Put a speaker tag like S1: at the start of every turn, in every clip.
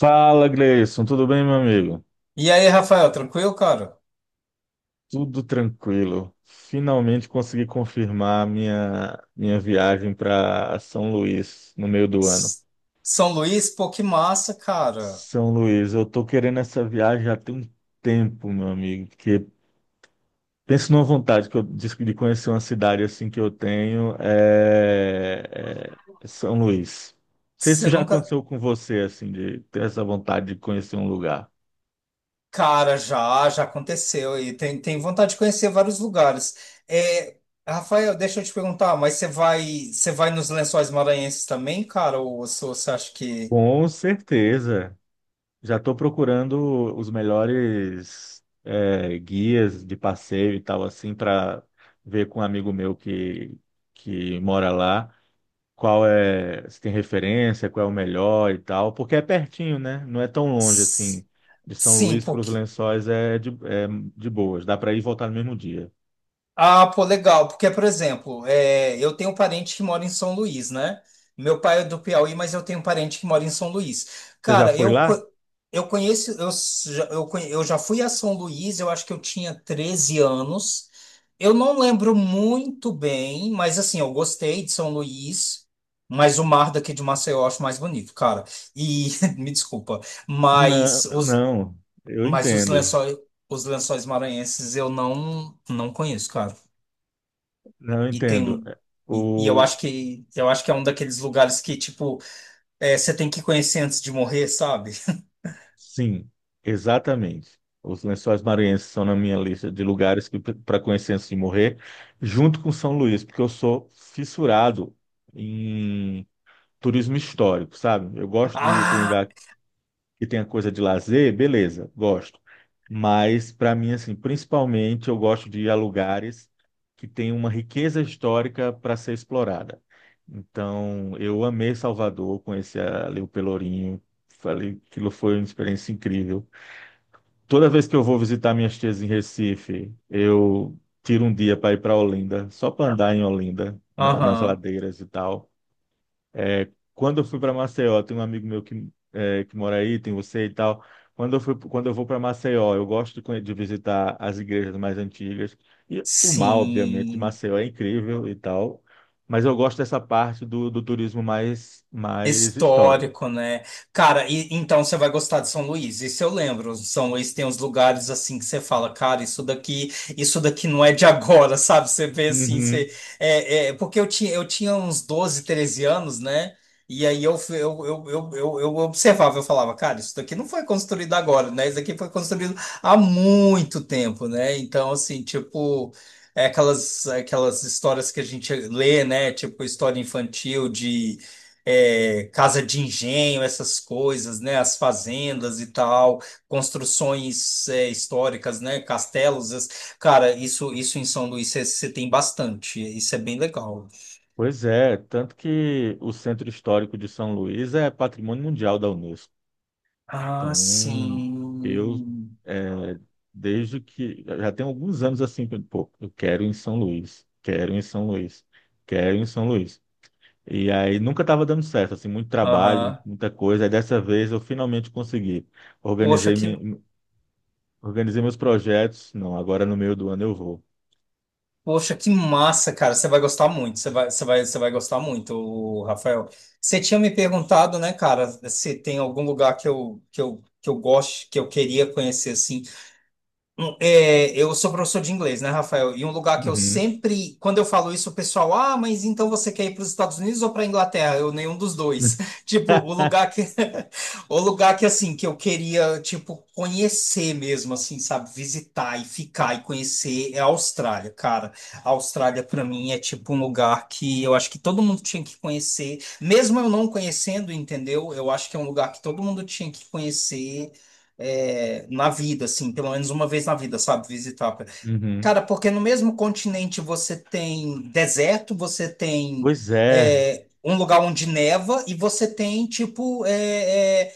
S1: Fala, Gleison, tudo bem, meu amigo?
S2: E aí, Rafael, tranquilo, cara?
S1: Tudo tranquilo. Finalmente consegui confirmar minha viagem para São Luís no meio do ano.
S2: S- São Luís, pô, que massa, cara.
S1: São Luís, eu tô querendo essa viagem já tem um tempo, meu amigo, porque penso numa vontade que eu disse de conhecer uma cidade assim que eu tenho é é São Luís. Não sei se isso
S2: Você
S1: já
S2: nunca.
S1: aconteceu com você assim de ter essa vontade de conhecer um lugar.
S2: Cara, já aconteceu e tem vontade de conhecer vários lugares. É, Rafael, deixa eu te perguntar, mas você vai nos Lençóis Maranhenses também, cara? Ou você acha que.
S1: Com certeza. Já estou procurando os melhores guias de passeio e tal, assim, para ver com um amigo meu que mora lá qual é, se tem referência, qual é o melhor e tal, porque é pertinho, né? Não é tão longe
S2: S-
S1: assim. De São
S2: Sim,
S1: Luís
S2: pô,
S1: para os Lençóis é de boas, dá para ir e voltar no mesmo dia.
S2: Ah, pô, legal, porque, por exemplo, é, eu tenho um parente que mora em São Luís, né? Meu pai é do Piauí, mas eu tenho um parente que mora em São Luís.
S1: Você já
S2: Cara,
S1: foi lá?
S2: eu conheço, eu já fui a São Luís, eu acho que eu tinha 13 anos. Eu não lembro muito bem, mas assim, eu gostei de São Luís, mas o mar daqui de Maceió eu acho mais bonito, cara. E, me desculpa,
S1: Não,
S2: mas os,
S1: não, eu
S2: mas os
S1: entendo.
S2: lençóis, os lençóis maranhenses eu não, não conheço, cara.
S1: Não, eu
S2: E tem
S1: entendo.
S2: um. E eu
S1: O,
S2: acho que eu acho que é um daqueles lugares que, tipo, é, você tem que conhecer antes de morrer, sabe?
S1: Sim, exatamente. Os Lençóis Maranhenses são na minha lista de lugares que para conhecer antes de morrer, junto com São Luís, porque eu sou fissurado em turismo histórico, sabe? Eu gosto de ir para um
S2: Ah!
S1: lugar que tenha coisa de lazer, beleza, gosto. Mas para mim assim, principalmente eu gosto de ir a lugares que têm uma riqueza histórica para ser explorada. Então, eu amei Salvador, conheci ali o Pelourinho, falei que aquilo foi uma experiência incrível. Toda vez que eu vou visitar minhas tias em Recife, eu tiro um dia para ir para Olinda, só para andar em Olinda, nas
S2: Aham.
S1: ladeiras e tal. Quando eu fui para Maceió, tem um amigo meu que mora aí, tem você e tal. Quando eu vou para Maceió, eu gosto de visitar as igrejas mais antigas. E o mar, obviamente, de
S2: Sim.
S1: Maceió é incrível e tal. Mas eu gosto dessa parte do turismo mais histórico.
S2: Histórico, né? Cara, e, então você vai gostar de São Luís. Isso eu lembro. São Luís tem uns lugares assim que você fala, cara, isso daqui não é de agora, sabe? Você vê assim,
S1: Uhum.
S2: você é, é, porque eu tinha uns 12, 13 anos, né? E aí eu, fui- eu observava, eu falava, cara, isso daqui não foi construído agora, né? Isso daqui foi construído há muito tempo, né? Então, assim, tipo, é aquelas histórias que a gente lê, né? Tipo, história infantil de é, casa de engenho, essas coisas, né? As fazendas e tal, construções históricas, né? Castelos, cara, isso em São Luís você tem bastante, isso é bem legal.
S1: Pois é, tanto que o Centro Histórico de São Luís é Patrimônio Mundial da Unesco.
S2: Ah,
S1: Então, eu,
S2: sim.
S1: é, desde que, já tem alguns anos assim, que, pô, eu quero ir em São Luís, quero ir em São Luís, quero ir em São Luís. E aí nunca estava dando certo, assim, muito trabalho,
S2: Aham.
S1: muita coisa. Aí dessa vez eu finalmente consegui.
S2: Poxa,
S1: Organizei,
S2: que
S1: me, organizei meus projetos. Não, agora no meio do ano eu vou.
S2: poxa, que massa, cara. Você vai gostar muito. Você vai gostar muito, ô, Rafael. Você tinha me perguntado, né, cara, se tem algum lugar que eu goste, que eu queria conhecer assim Eu sou professor de inglês, né, Rafael? E um lugar que eu
S1: Uhum.
S2: sempre, quando eu falo isso, o pessoal, ah, mas então você quer ir para os Estados Unidos ou para a Inglaterra? Eu, nenhum dos dois. Tipo, o lugar que, o lugar que, assim, que eu queria, tipo, conhecer mesmo, assim, sabe? Visitar e ficar e conhecer é a Austrália, cara. A Austrália, para mim, é tipo um lugar que eu acho que todo mundo tinha que conhecer, mesmo eu não conhecendo, entendeu? Eu acho que é um lugar que todo mundo tinha que conhecer é, na vida, assim, pelo menos uma vez na vida, sabe? Visitar.
S1: Uhum.
S2: Cara, porque no mesmo continente você tem deserto, você tem
S1: Pois é,
S2: é, um lugar onde neva e você tem, tipo, é, é,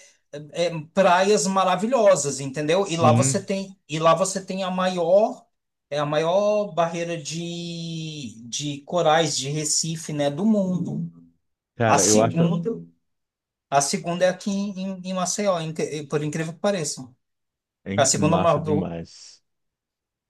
S2: é, praias maravilhosas, entendeu? E lá você
S1: sim.
S2: tem, e lá você tem a maior. É a maior barreira de corais de Recife, né, do mundo. A
S1: Cara, eu acho.
S2: segunda, a segunda é aqui em Maceió, por incrível que pareça. A
S1: Hein?
S2: segunda
S1: Massa
S2: maior
S1: demais.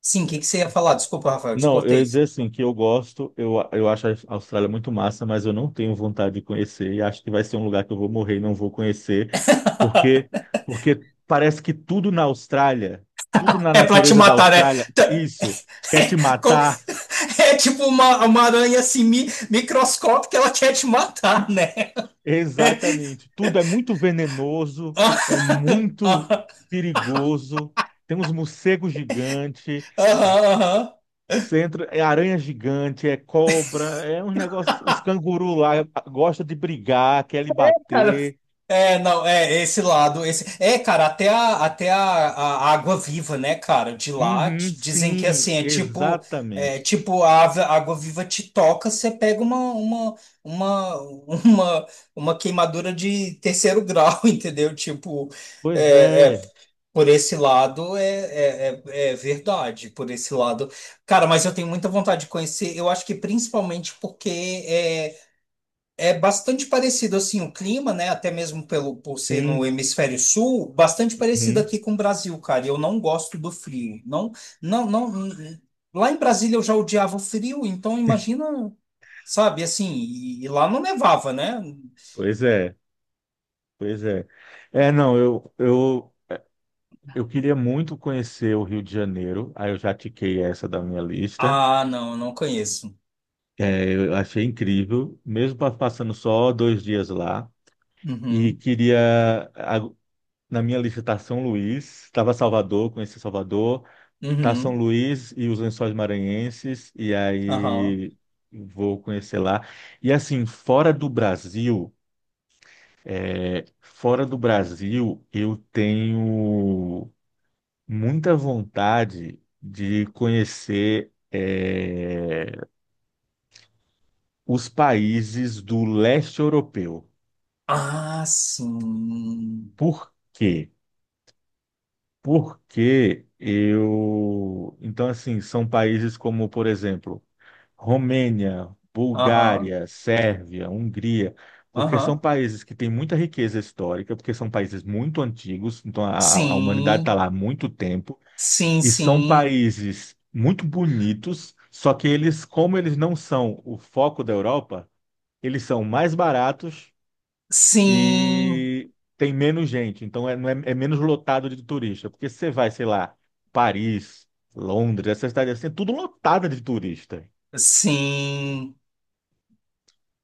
S2: Sim, o que que você ia falar? Desculpa, Rafael, te
S1: Não, eu
S2: cortei.
S1: ia dizer assim, que eu gosto, eu acho a Austrália muito massa, mas eu não tenho vontade de conhecer e acho que vai ser um lugar que eu vou morrer e não vou conhecer, porque, porque parece que tudo na Austrália, tudo na
S2: É pra te
S1: natureza da
S2: matar, né?
S1: Austrália,
S2: Tá,
S1: isso, quer te
S2: co-
S1: matar.
S2: É tipo uma aranha assim, microscópica, ela quer te matar, né?
S1: Exatamente. Tudo é muito venenoso, é muito
S2: Aham,
S1: perigoso. Tem uns morcegos gigantes.
S2: aham, aham.
S1: Centro é aranha gigante, é cobra, é uns negócios. Os cangurus lá gostam de brigar, quer lhe
S2: Cara,
S1: bater.
S2: É, não, é, esse lado, esse... É, cara, até a, até a água viva, né, cara, de lá,
S1: Uhum,
S2: dizem que,
S1: sim,
S2: assim, é,
S1: exatamente.
S2: tipo, a água viva te toca, você pega uma, uma, uma queimadura de terceiro grau, entendeu? Tipo,
S1: Pois
S2: é, é,
S1: é,
S2: Por esse lado é verdade, por esse lado. Cara, mas eu tenho muita vontade de conhecer, eu acho que principalmente porque é bastante parecido assim o clima, né? Até mesmo por ser no
S1: sim.
S2: hemisfério sul, bastante parecido
S1: Uhum,
S2: aqui com o Brasil, cara. E eu não gosto do frio. Não, não, não. Lá em Brasília eu já odiava o frio, então imagina, sabe, assim, e lá não nevava, né?
S1: pois é, pois é. É, não, eu queria muito conhecer o Rio de Janeiro, aí eu já tiquei essa da minha lista.
S2: Ah, não, não conheço.
S1: É, eu achei incrível, mesmo passando só dois dias lá. E
S2: Uhum,
S1: queria. Na minha lista está São Luís, estava Salvador, conheci Salvador, tá São
S2: uhum,
S1: Luís e os Lençóis Maranhenses, e
S2: aham.
S1: aí vou conhecer lá. E assim, fora do Brasil, eu tenho muita vontade de conhecer os países do leste europeu.
S2: Ah, sim.
S1: Por quê? Porque eu. Então, assim, são países como, por exemplo, Romênia,
S2: Aham,
S1: Bulgária, Sérvia, Hungria, porque são
S2: aham.
S1: países que têm muita riqueza histórica, porque são países muito antigos, então humanidade
S2: Sim,
S1: está lá há muito tempo,
S2: sim,
S1: e são
S2: sim.
S1: países muito bonitos, só que eles, como eles não são o foco da Europa, eles são mais baratos
S2: Sim,
S1: e tem menos gente, então não é menos lotado de turista, porque você vai, sei lá, Paris, Londres, essas cidades assim, é tudo lotado de turista.
S2: sim,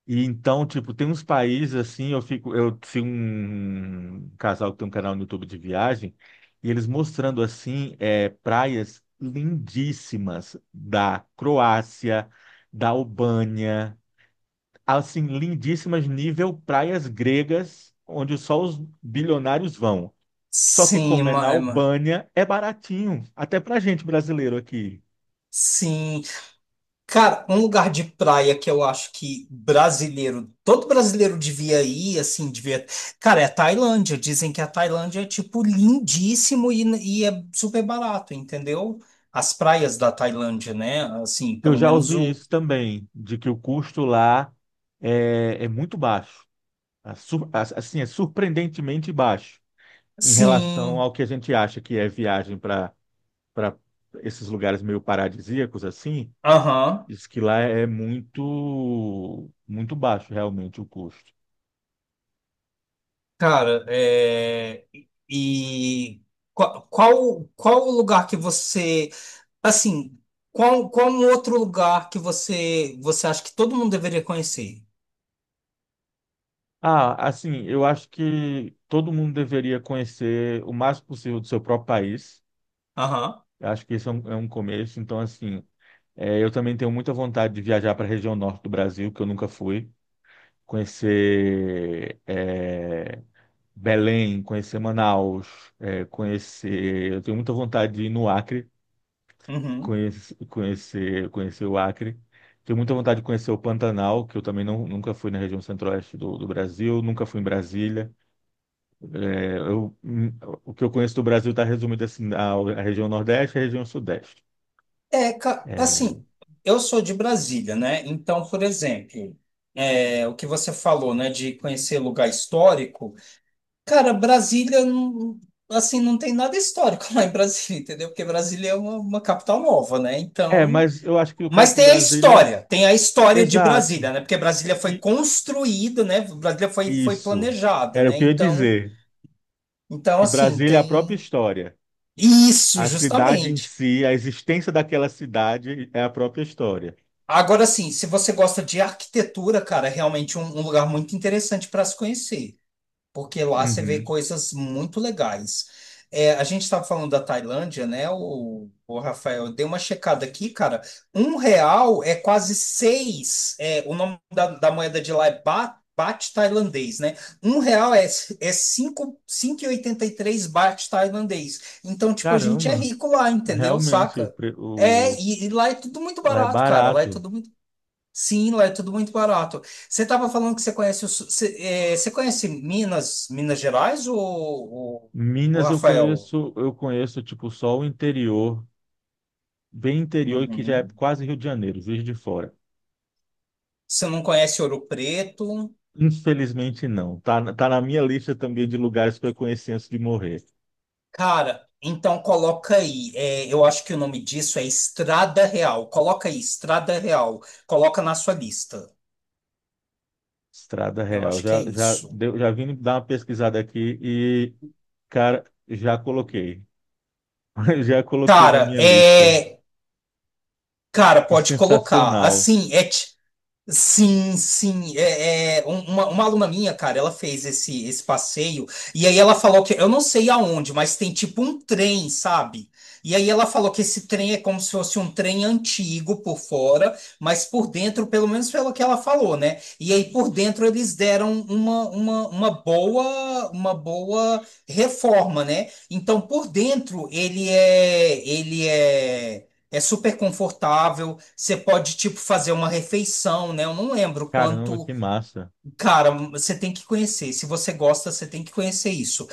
S1: E então, tipo, tem uns países assim, eu fico, eu sigo um casal que tem um canal no YouTube de viagem, e eles mostrando assim, é, praias lindíssimas da Croácia, da Albânia, assim, lindíssimas nível praias gregas, onde só os bilionários vão. Só que
S2: sim,
S1: como é na Albânia, é baratinho, até pra gente brasileiro aqui.
S2: sim. Cara, um lugar de praia que eu acho que brasileiro, todo brasileiro devia ir, assim, devia. Cara, é a Tailândia. Dizem que a Tailândia é, tipo, lindíssimo e é super barato, entendeu? As praias da Tailândia, né? Assim,
S1: Eu
S2: pelo
S1: já
S2: menos
S1: ouvi
S2: o.
S1: isso também, de que o custo lá é muito baixo. Assim, é surpreendentemente baixo em relação
S2: Sim,
S1: ao que a gente acha que é viagem para esses lugares meio paradisíacos assim.
S2: aham.
S1: Diz que lá é muito baixo realmente o custo.
S2: Cara, é, e qual o lugar que você, assim, qual um outro lugar que você acha que todo mundo deveria conhecer?
S1: Ah, assim, eu acho que todo mundo deveria conhecer o máximo possível do seu próprio país.
S2: Aham.
S1: Eu acho que isso é é um começo. Então, assim, é, eu também tenho muita vontade de viajar para a região norte do Brasil, que eu nunca fui, conhecer Belém, conhecer Manaus, é, conhecer. Eu tenho muita vontade de ir no Acre,
S2: Uhum.
S1: conhecer o Acre. Tenho muita vontade de conhecer o Pantanal, que eu também não, nunca fui na região centro-oeste do Brasil, nunca fui em Brasília. É, eu, hum, o que eu conheço do Brasil está resumido assim, a região Nordeste e a região Sudeste.
S2: É,
S1: É,
S2: assim, eu sou de Brasília, né? Então, por exemplo, é, o que você falou, né, de conhecer lugar histórico, cara, Brasília, assim, não tem nada histórico lá em Brasília, entendeu? Porque Brasília é uma capital nova, né?
S1: mas eu acho que o
S2: Mas
S1: caso de
S2: tem a
S1: Brasília,
S2: história, tem a história de
S1: exato.
S2: Brasília, né? Porque Brasília foi
S1: E
S2: construída, né? Brasília foi
S1: isso
S2: planejada,
S1: era o
S2: né?
S1: que eu ia
S2: Então,
S1: dizer,
S2: então,
S1: que
S2: assim,
S1: Brasília é a própria
S2: tem
S1: história.
S2: isso,
S1: A cidade em
S2: justamente.
S1: si, a existência daquela cidade é a própria história.
S2: Agora, assim, se você gosta de arquitetura, cara, é realmente um lugar muito interessante para se conhecer. Porque lá você vê
S1: Uhum.
S2: coisas muito legais. É, a gente estava falando da Tailândia, né? O Rafael, eu dei uma checada aqui, cara. Um real é quase seis. É, o nome da moeda de lá é baht, tailandês, né? Um real é 5,83 baht tailandês. Então, tipo, a gente é
S1: Caramba,
S2: rico lá, entendeu?
S1: realmente
S2: Saca? É, e lá é tudo muito
S1: lá é
S2: barato, cara. Lá é
S1: barato.
S2: tudo muito Sim, lá é tudo muito barato. Você estava falando que você conhece você, você conhece Minas, Minas Gerais ou, ou
S1: Minas
S2: Rafael?
S1: eu conheço tipo só o interior, bem interior que já é
S2: Uhum.
S1: quase Rio de Janeiro, Juiz de Fora.
S2: Você não conhece Ouro Preto?
S1: Infelizmente não. Tá, tá na minha lista também de lugares que eu conheci antes de morrer.
S2: Cara, então coloca aí. Eu acho que o nome disso é Estrada Real. Coloca aí, Estrada Real. Coloca na sua lista.
S1: Estrada
S2: Eu
S1: Real.
S2: acho que é
S1: Já já
S2: isso.
S1: deu- já vim dar uma pesquisada aqui e cara, já coloquei. Já coloquei na
S2: Cara,
S1: minha lista.
S2: é. Cara,
S1: Que
S2: pode colocar.
S1: sensacional.
S2: Assim, é. Sim, sim. Uma aluna minha, cara, ela fez esse passeio e aí ela falou que eu não sei aonde, mas tem tipo um trem, sabe? E aí ela falou que esse trem é como se fosse um trem antigo por fora, mas por dentro, pelo menos pelo que ela falou, né? E aí por dentro eles deram uma boa reforma, né? Então por dentro ele é super confortável, você pode, tipo, fazer uma refeição, né? Eu não lembro
S1: Caramba,
S2: quanto.
S1: que massa.
S2: Cara, você tem que conhecer. Se você gosta, você tem que conhecer isso.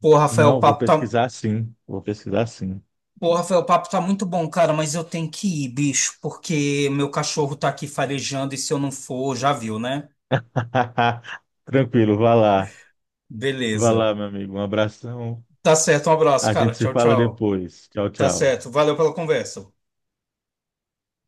S2: Pô, Rafael, o
S1: Não, vou
S2: papo tá.
S1: pesquisar sim. Vou pesquisar sim.
S2: Pô, Rafael, o papo tá muito bom, cara, mas eu tenho que ir, bicho, porque meu cachorro tá aqui farejando e se eu não for, já viu, né?
S1: Tranquilo, vá lá. Vá
S2: Beleza.
S1: lá, meu amigo. Um abração.
S2: Tá certo, um abraço,
S1: A
S2: cara.
S1: gente se
S2: Tchau,
S1: fala
S2: tchau.
S1: depois. Tchau,
S2: Tá certo.
S1: tchau.
S2: Valeu pela conversa.